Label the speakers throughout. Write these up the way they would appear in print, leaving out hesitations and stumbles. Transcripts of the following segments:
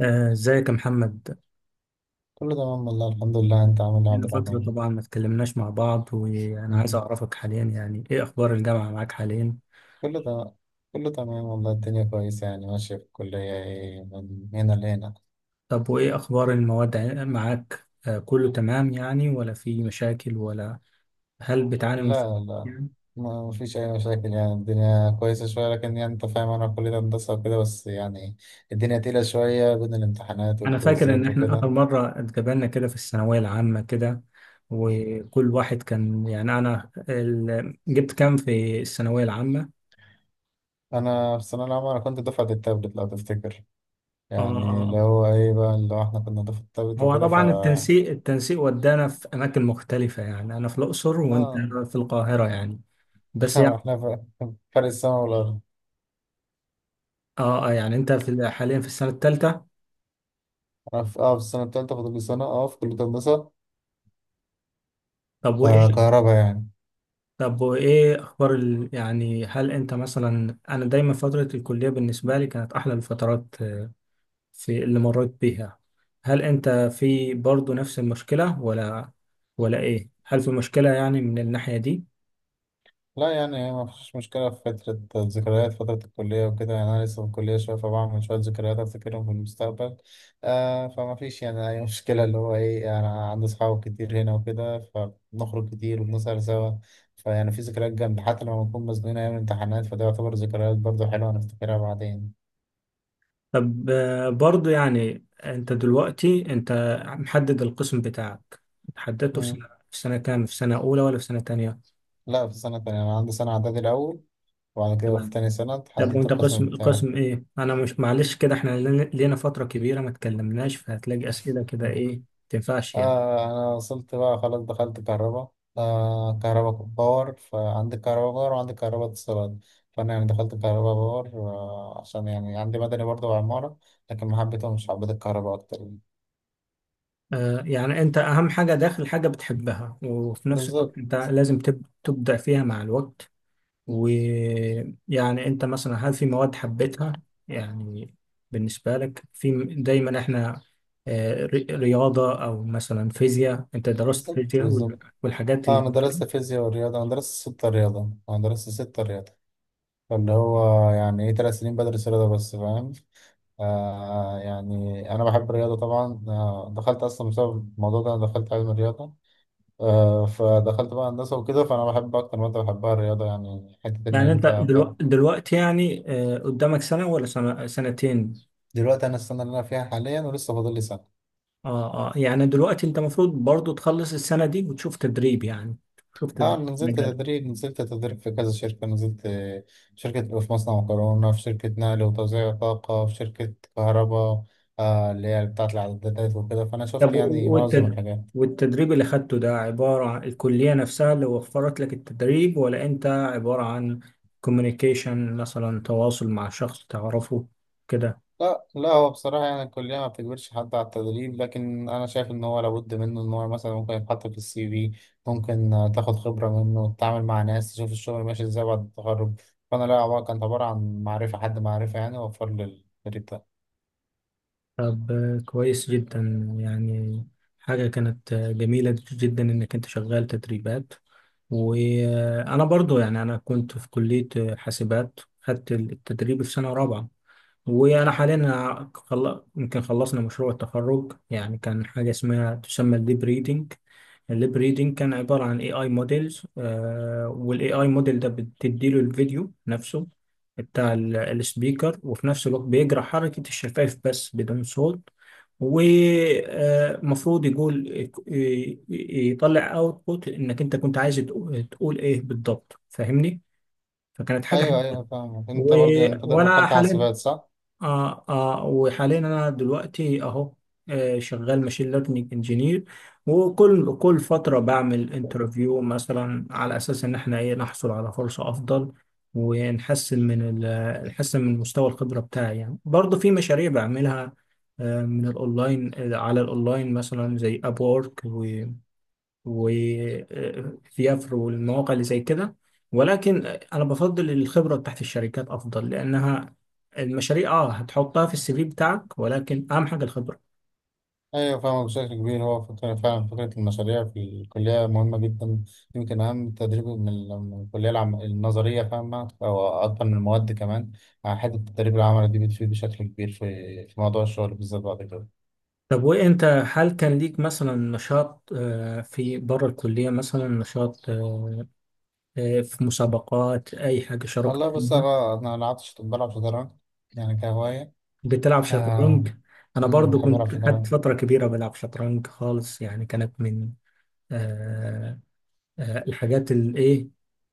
Speaker 1: آه، ازيك يا محمد؟
Speaker 2: كله تمام والله، الحمد لله، انت عامل ايه يا عبد
Speaker 1: لنا فترة
Speaker 2: الرحمن؟
Speaker 1: طبعا ما اتكلمناش مع بعض، وانا عايز اعرفك حاليا، يعني ايه اخبار الجامعة معاك حاليا؟
Speaker 2: كله تمام. كله تمام والله، الدنيا كويسة يعني ماشية في الكلية. ايه من هنا لهنا.
Speaker 1: طب وايه اخبار المواد معاك، كله تمام يعني، ولا في مشاكل ولا؟ هل بتعاني من صعوبات
Speaker 2: لا، لا،
Speaker 1: يعني؟
Speaker 2: ما فيش أي مشاكل، يعني الدنيا كويسة شوية، لكن يعني أنت فاهم، أنا في كلية هندسة وكده، بس يعني الدنيا تقيلة شوية بين الامتحانات
Speaker 1: انا فاكر ان
Speaker 2: والكويزات
Speaker 1: احنا
Speaker 2: وكده.
Speaker 1: اخر مرة اتقابلنا كده في الثانوية العامة، كده وكل واحد كان يعني، انا جبت كام في الثانوية العامة.
Speaker 2: أنا في الثانوية العامة، أنا كنت دفعة التابلت لو تفتكر.
Speaker 1: اه،
Speaker 2: يعني اللي
Speaker 1: اه.
Speaker 2: هو إيه بقى، اللي هو إحنا كنا دفعة التابلت
Speaker 1: هو
Speaker 2: وكده ف
Speaker 1: طبعا التنسيق ودانا في اماكن مختلفه، يعني انا في الاقصر وانت
Speaker 2: آه
Speaker 1: في القاهره يعني، بس يعني.
Speaker 2: إحنا ف- فرق السما والأرض.
Speaker 1: اه، يعني انت في حاليا في السنه الثالثه.
Speaker 2: أنا في السنة التالتة، فاضل لي سنة في كلية هندسة.
Speaker 1: طب وايه
Speaker 2: ده كهرباء يعني.
Speaker 1: طب وايه اخبار يعني هل انت مثلا، انا دايما فتره الكليه بالنسبه لي كانت احلى الفترات، في اللي مريت بيها. هل انت في برضو نفس المشكله، ولا ايه؟ هل في مشكله يعني من الناحيه دي؟
Speaker 2: لا يعني ما فيش مشكلة، في فترة الذكريات، فترة الكلية وكده، يعني أنا لسه في الكلية شوية، فبعمل شوية ذكريات أفتكرهم في المستقبل. فما فيش يعني أي مشكلة، اللي هو إيه، أنا عندي أصحاب كتير هنا وكده، فبنخرج كتير وبنسهر سوا. فيعني في ذكريات جامدة، حتى لما بنكون مزنوقين أيام الامتحانات فده يعتبر ذكريات برضه حلوة هنفتكرها بعدين.
Speaker 1: طب، برضو يعني انت دلوقتي، انت محدد القسم بتاعك، حددته في
Speaker 2: مم.
Speaker 1: سنة في سنة كام؟ في سنة أولى ولا في سنة تانية؟
Speaker 2: لا، في سنة تانية. أنا عندي سنة إعدادي الأول، وبعد كده في
Speaker 1: تمام.
Speaker 2: تاني سنة
Speaker 1: طب
Speaker 2: اتحددت
Speaker 1: وانت
Speaker 2: القسم
Speaker 1: قسم
Speaker 2: بتاعي.
Speaker 1: قسم ايه؟ انا مش، معلش، كده احنا لينا فترة كبيرة ما اتكلمناش، فهتلاقي أسئلة كده ايه ما تنفعش يعني.
Speaker 2: أنا وصلت بقى، خلاص دخلت كهرباء. كهرباء باور. فعندي كهرباء باور وعندي كهرباء اتصالات. فأنا يعني دخلت كهرباء باور، عشان يعني عندي مدني برضه وعمارة. لكن ما حبيتهمش، حبيت الكهرباء أكتر.
Speaker 1: يعني انت اهم حاجة داخل حاجة بتحبها، وفي نفس
Speaker 2: بالظبط،
Speaker 1: الوقت انت لازم تبدع فيها مع الوقت. ويعني انت مثلا هل في مواد حبيتها يعني؟ بالنسبة لك في دايما احنا رياضة او مثلا فيزياء، انت درست
Speaker 2: بالظبط،
Speaker 1: فيزياء
Speaker 2: بالظبط.
Speaker 1: والحاجات اللي
Speaker 2: أنا
Speaker 1: زي كده.
Speaker 2: درست فيزياء ورياضة، أنا درست 6 رياضة، أنا درست 6 رياضة. فاللي هو يعني إيه، 3 سنين بدرس رياضة بس، فاهم. يعني أنا بحب الرياضة طبعا. دخلت أصلا بسبب الموضوع ده، أنا دخلت علم الرياضة. فدخلت بقى هندسة وكده، فأنا بحب أكتر مادة بحبها الرياضة، يعني حتة إن
Speaker 1: يعني انت
Speaker 2: أنت
Speaker 1: دلوقتي يعني، قدامك سنة ولا سنة سنتين؟
Speaker 2: دلوقتي أنا السنة اللي أنا فيها حاليا، ولسه فاضل لي سنة.
Speaker 1: اه، اه، يعني دلوقتي انت المفروض برضو تخلص السنة دي وتشوف تدريب، يعني تشوف تدريب.
Speaker 2: نزلت تدريب، نزلت تدريب في كذا شركة، نزلت شركة في مصنع مكرونة، في شركة نقل وتوزيع طاقة، في شركة كهرباء، اللي هي بتاعة الإعدادات وكده، فأنا شفت
Speaker 1: طب
Speaker 2: يعني معظم الحاجات.
Speaker 1: والتدريب اللي خدته ده عبارة عن الكلية نفسها اللي وفرت لك التدريب، ولا أنت عبارة عن كوميونيكيشن مثلا، تواصل مع شخص تعرفه كده؟
Speaker 2: لا، لا، هو بصراحة يعني الكلية ما بتجبرش حد على التدريب، لكن أنا شايف إن هو لابد منه، إن هو مثلا ممكن يتحط في السي في. ممكن تاخد خبرة منه، تتعامل مع ناس، تشوف الشغل ماشي إزاي بعد التخرج. فأنا لا، عبارة كانت عبارة عن معرفة حد، معرفة يعني وفر لي التدريب ده.
Speaker 1: طب، كويس جدا يعني. حاجة كانت جميلة جدا إنك أنت شغال تدريبات. وأنا برضو يعني، أنا كنت في كلية حاسبات، خدت التدريب في سنة رابعة. وانا حاليا يمكن خلصنا مشروع التخرج، يعني كان حاجه اسمها تسمى الليب ريدنج. الليب ريدنج كان عباره عن AI موديلز، والاي اي موديل ده بتديله الفيديو نفسه بتاع السبيكر، وفي نفس الوقت بيقرا حركه الشفايف بس بدون صوت. ومفروض يقول يطلع اوتبوت انك انت كنت عايز تقول ايه بالضبط، فاهمني. فكانت حاجه
Speaker 2: أيوه،
Speaker 1: حلوة.
Speaker 2: أيوه، فاهم. أنت
Speaker 1: و...
Speaker 2: برضه أنت
Speaker 1: وانا
Speaker 2: دخلت
Speaker 1: حاليا،
Speaker 2: حاسبات صح؟
Speaker 1: وحاليا انا دلوقتي اهو، شغال ماشين ليرنينج انجينير. وكل فتره بعمل انترفيو مثلا، على اساس ان احنا ايه، نحصل على فرصه افضل ونحسن من ال- نحسن من مستوى الخبره بتاعي. يعني برضه في مشاريع بعملها آه من الاونلاين آه على الاونلاين، مثلا زي اب وورك وفيافر والمواقع اللي زي كده. ولكن انا بفضل الخبره بتاعت الشركات افضل، لانها المشاريع هتحطها في الـ CV بتاعك، ولكن اهم حاجه الخبره.
Speaker 2: ايوه فاهمة بشكل كبير. هو فعلا فكرة المشاريع في الكلية مهمة جدا. يمكن أهم تدريب من الكلية النظرية، فاهمة، أو أكتر من المواد كمان. حتة التدريب العملي دي بتفيد بشكل كبير في موضوع الشغل بالذات بعد كده.
Speaker 1: طب وانت هل كان ليك مثلا نشاط، في بره الكليه، مثلا نشاط في مسابقات، اي حاجه شاركت
Speaker 2: والله بص،
Speaker 1: فيها؟
Speaker 2: أنا ملعبتش، بلعب شطرنج يعني كهواية.
Speaker 1: بتلعب شطرنج؟
Speaker 2: آه.
Speaker 1: انا برضو
Speaker 2: بحب ألعب
Speaker 1: كنت خدت
Speaker 2: شطرنج.
Speaker 1: فتره كبيره بلعب شطرنج خالص، يعني كانت من آه، الحاجات الايه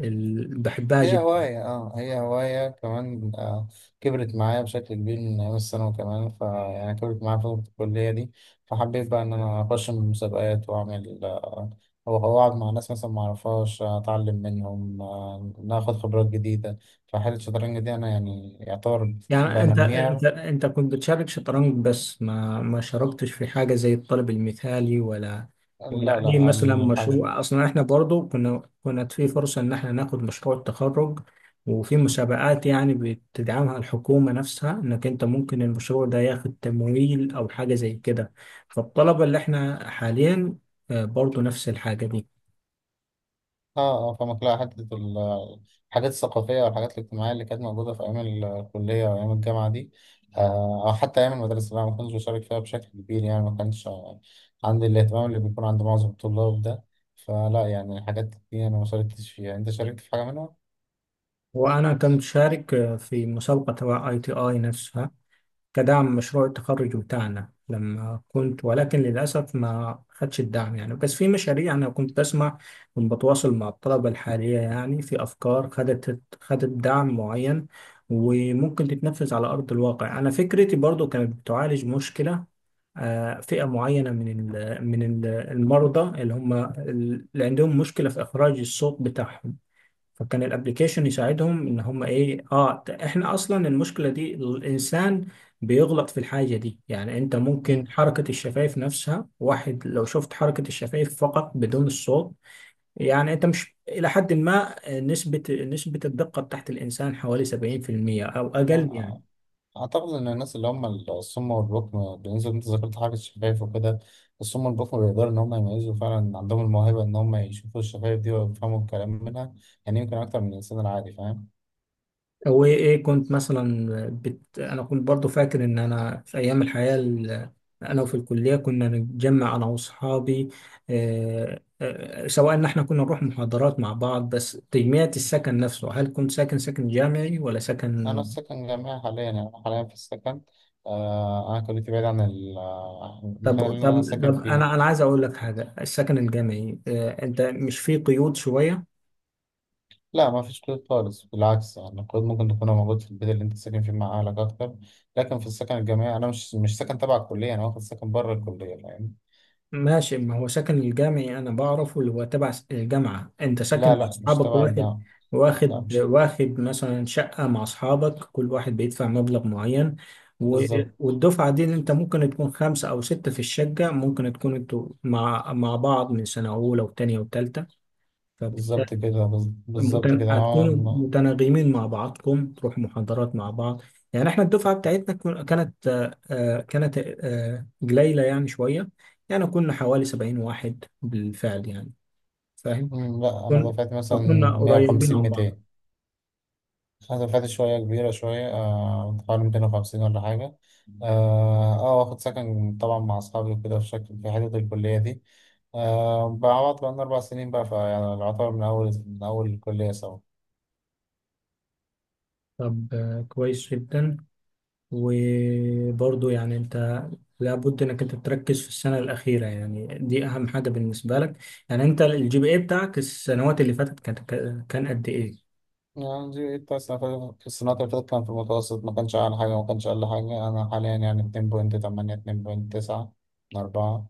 Speaker 1: اللي بحبها
Speaker 2: هي
Speaker 1: جدا.
Speaker 2: هواية، هي هواية كمان. كبرت معايا بشكل كبير من أيام الثانوي كمان، فيعني كبرت معايا فترة الكلية دي. فحبيت بقى إن أنا أخش من مسابقات وأعمل، أو أقعد مع ناس مثلا معرفهاش، أتعلم منهم، ناخد خبرات جديدة. فحالة الشطرنج دي أنا يعني يعتبر
Speaker 1: يعني انت انت
Speaker 2: بنميها.
Speaker 1: انت كنت بتشارك شطرنج، بس ما شاركتش في حاجه زي الطالب المثالي، ولا
Speaker 2: لا،
Speaker 1: اي مثلا
Speaker 2: لا.
Speaker 1: مشروع؟ اصلا احنا برضو كنا، كانت في فرصه ان احنا ناخد مشروع التخرج، وفي مسابقات يعني بتدعمها الحكومه نفسها، انك انت ممكن المشروع ده ياخد تمويل او حاجه زي كده. فالطلبه اللي احنا حاليا برضو نفس الحاجه دي.
Speaker 2: اه، اه، فما تلاقي حتة الحاجات الثقافية والحاجات الاجتماعية اللي كانت موجودة في أيام الكلية وأيام الجامعة دي. أو حتى أيام المدرسة، أنا ما كنتش بشارك فيها بشكل كبير، يعني ما كانش عندي الاهتمام اللي بيكون عند معظم الطلاب ده. فلا يعني الحاجات دي أنا ما شاركتش فيها. أنت شاركت في حاجة منها؟
Speaker 1: وأنا كنت شارك في مسابقة تبع ITI نفسها، كدعم مشروع التخرج بتاعنا لما كنت، ولكن للأسف ما خدش الدعم يعني. بس في مشاريع أنا كنت بسمع، كنت بتواصل مع الطلبة الحالية، يعني في أفكار خدت دعم معين وممكن تتنفذ على أرض الواقع. أنا فكرتي برضو كانت بتعالج مشكلة فئة معينة من المرضى، اللي عندهم مشكلة في إخراج الصوت بتاعهم. فكان الابليكيشن يساعدهم ان هم ايه، احنا اصلا المشكله دي، الانسان بيغلط في الحاجه دي. يعني انت ممكن حركه الشفايف نفسها، واحد لو شفت حركه الشفايف فقط بدون الصوت، يعني انت مش الى حد ما، نسبه الدقه بتاعت الانسان حوالي 70%، او
Speaker 2: مم.
Speaker 1: اقل يعني.
Speaker 2: أعتقد إن الناس اللي هم الصم والبكم، بالنسبة إن أنت ذكرت حاجة الشفايف وكده، الصم والبكم بيقدروا إن هم يميزوا. فعلا عندهم الموهبة إن هم يشوفوا الشفايف دي ويفهموا الكلام منها. يعني يمكن أكتر من الإنسان العادي، فاهم.
Speaker 1: هو ايه كنت مثلا انا كنت برضو فاكر ان انا في ايام الحياة انا وفي الكلية كنا نتجمع انا واصحابي، سواء ان احنا كنا نروح محاضرات مع بعض، بس تجميع السكن نفسه، هل كنت ساكن سكن جامعي ولا
Speaker 2: أنا
Speaker 1: سكن
Speaker 2: في سكن جامعي حاليا، يعني أنا حاليا في السكن. أنا كليتي بعيد عن
Speaker 1: طب
Speaker 2: المكان اللي أنا
Speaker 1: طب
Speaker 2: ساكن
Speaker 1: طب انا
Speaker 2: فيه.
Speaker 1: انا عايز اقول لك حاجة، السكن الجامعي انت مش فيه قيود شوية؟
Speaker 2: لا، ما فيش قيود خالص، بالعكس يعني القيود ممكن تكون موجود في البيت اللي أنت ساكن فيه مع أهلك أكتر. لكن في السكن الجامعي أنا مش ساكن تبع الكلية، أنا واخد سكن بره الكلية، فاهم.
Speaker 1: ماشي، ما هو سكن الجامعي أنا بعرفه، اللي هو تبع الجامعة، أنت
Speaker 2: لا،
Speaker 1: ساكن مع
Speaker 2: لا، مش
Speaker 1: أصحابك،
Speaker 2: تبع
Speaker 1: واحد
Speaker 2: الجامعة. لا
Speaker 1: واخد
Speaker 2: مش.
Speaker 1: واخد مثلا شقة مع أصحابك، كل واحد بيدفع مبلغ معين و-
Speaker 2: بالظبط.
Speaker 1: والدفعة دي اللي أنت ممكن تكون خمسة أو ستة في الشقة، ممكن تكون أنتوا مع بعض من سنة أولى وتانية وتالتة.
Speaker 2: بالظبط، كده، بالظبط كده،
Speaker 1: هتكونوا
Speaker 2: أنا.
Speaker 1: متناغمين مع بعضكم، تروحوا محاضرات مع بعض، يعني احنا الدفعة بتاعتنا كن- كانت آه، آه، كانت آه، قليلة يعني شوية، يعني كنا حوالي 70 واحد بالفعل يعني فاهم.
Speaker 2: لا، أنا
Speaker 1: كن...
Speaker 2: دفعت مثلا
Speaker 1: فكنا
Speaker 2: مية
Speaker 1: قريبين
Speaker 2: وخمسين
Speaker 1: عن بعض.
Speaker 2: 200. أنا دفعت شوية كبيرة شوية، حوالي 250 ولا حاجة. واخد سكن طبعا مع أصحابي وكده في شكل، في حتة الكلية دي. بقى عوض بقالنا 4 سنين بقى، فيعني العطار من أول، من أول الكلية سوا.
Speaker 1: طب، كويس جدا، وبرضو يعني انت لابد انك انت تركز في السنة الأخيرة، يعني دي أهم حاجة بالنسبة لك. يعني انت الـ GPA بتاعك السنوات اللي فاتت كان قد ايه؟
Speaker 2: يعني جي التاسع في السنة اللي فاتت كان في المتوسط، ما كانش أعلى حاجة ما كانش أقل حاجة. أنا حاليا يعني 2.8، 2.9، من 4.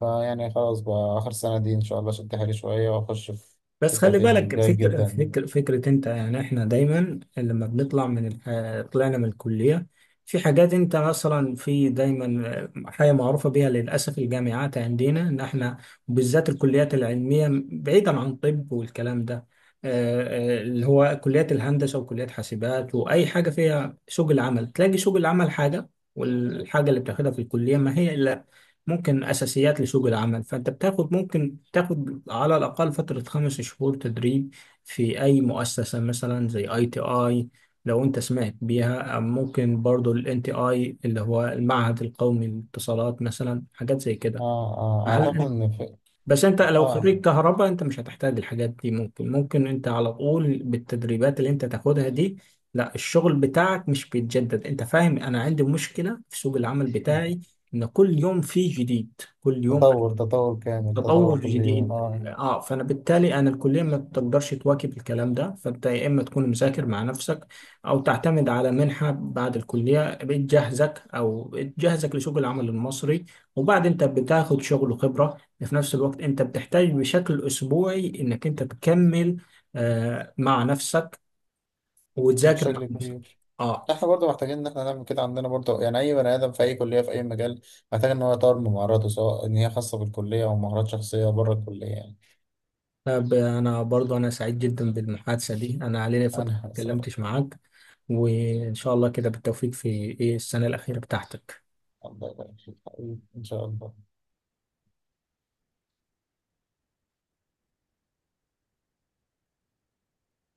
Speaker 2: فيعني خلاص بقى، آخر سنة دي إن شاء الله شد حيلي شوية وأخش في
Speaker 1: بس خلي
Speaker 2: تقدير
Speaker 1: بالك،
Speaker 2: جيد جدا.
Speaker 1: فكرة انت يعني احنا دايما لما بنطلع من طلعنا من الكلية، في حاجات انت مثلا، في دايما حاجة معروفة بيها للأسف، الجامعات عندنا ان احنا بالذات الكليات العلمية، بعيدا عن طب والكلام ده، اللي هو كليات الهندسة وكليات حاسبات وأي حاجة فيها سوق العمل، تلاقي سوق العمل حاجة والحاجة اللي بتاخدها في الكلية ما هي إلا ممكن أساسيات لسوق العمل. فأنت بتاخد، ممكن تاخد على الأقل فترة خمس شهور تدريب في أي مؤسسة، مثلا زي أي تي آي لو أنت سمعت بيها، أو ممكن برضو ال NTI اللي هو المعهد القومي للاتصالات، مثلا حاجات زي كده.
Speaker 2: آه، آه، أعتقد
Speaker 1: هل
Speaker 2: إن في
Speaker 1: بس انت لو
Speaker 2: آه
Speaker 1: خريج كهرباء انت مش هتحتاج الحاجات دي، ممكن انت على طول بالتدريبات اللي انت تاخدها دي. لا، الشغل بتاعك مش بيتجدد، انت فاهم. انا عندي مشكلة في سوق العمل بتاعي ان كل يوم فيه جديد، كل يوم
Speaker 2: تطور، تطور كامل،
Speaker 1: تطور
Speaker 2: تطور كل يوم،
Speaker 1: جديد. اه، فانا بالتالي انا الكليه ما تقدرش تواكب الكلام ده، فانت يا اما تكون مذاكر مع نفسك، او تعتمد على منحه بعد الكليه بتجهزك، او بتجهزك لسوق العمل المصري، وبعد انت بتاخد شغل وخبره، في نفس الوقت انت بتحتاج بشكل اسبوعي انك انت تكمل مع نفسك، وتذاكر مع
Speaker 2: بشكل
Speaker 1: نفسك.
Speaker 2: كبير.
Speaker 1: اه،
Speaker 2: احنا برضه محتاجين ان احنا نعمل كده عندنا برضه، يعني اي بني ادم في اي كليه في اي مجال محتاج ان هو يطور من مهاراته، سواء ان هي خاصه بالكليه او مهارات شخصيه بره الكليه.
Speaker 1: لا، أنا برضو أنا سعيد جدا بالمحادثة دي، أنا علينا فترة
Speaker 2: أنا
Speaker 1: ما
Speaker 2: هسأل.
Speaker 1: اتكلمتش معاك، وإن شاء الله كده بالتوفيق في إيه السنة الأخيرة بتاعتك.
Speaker 2: الله يبارك فيك حبيبي، إن شاء الله.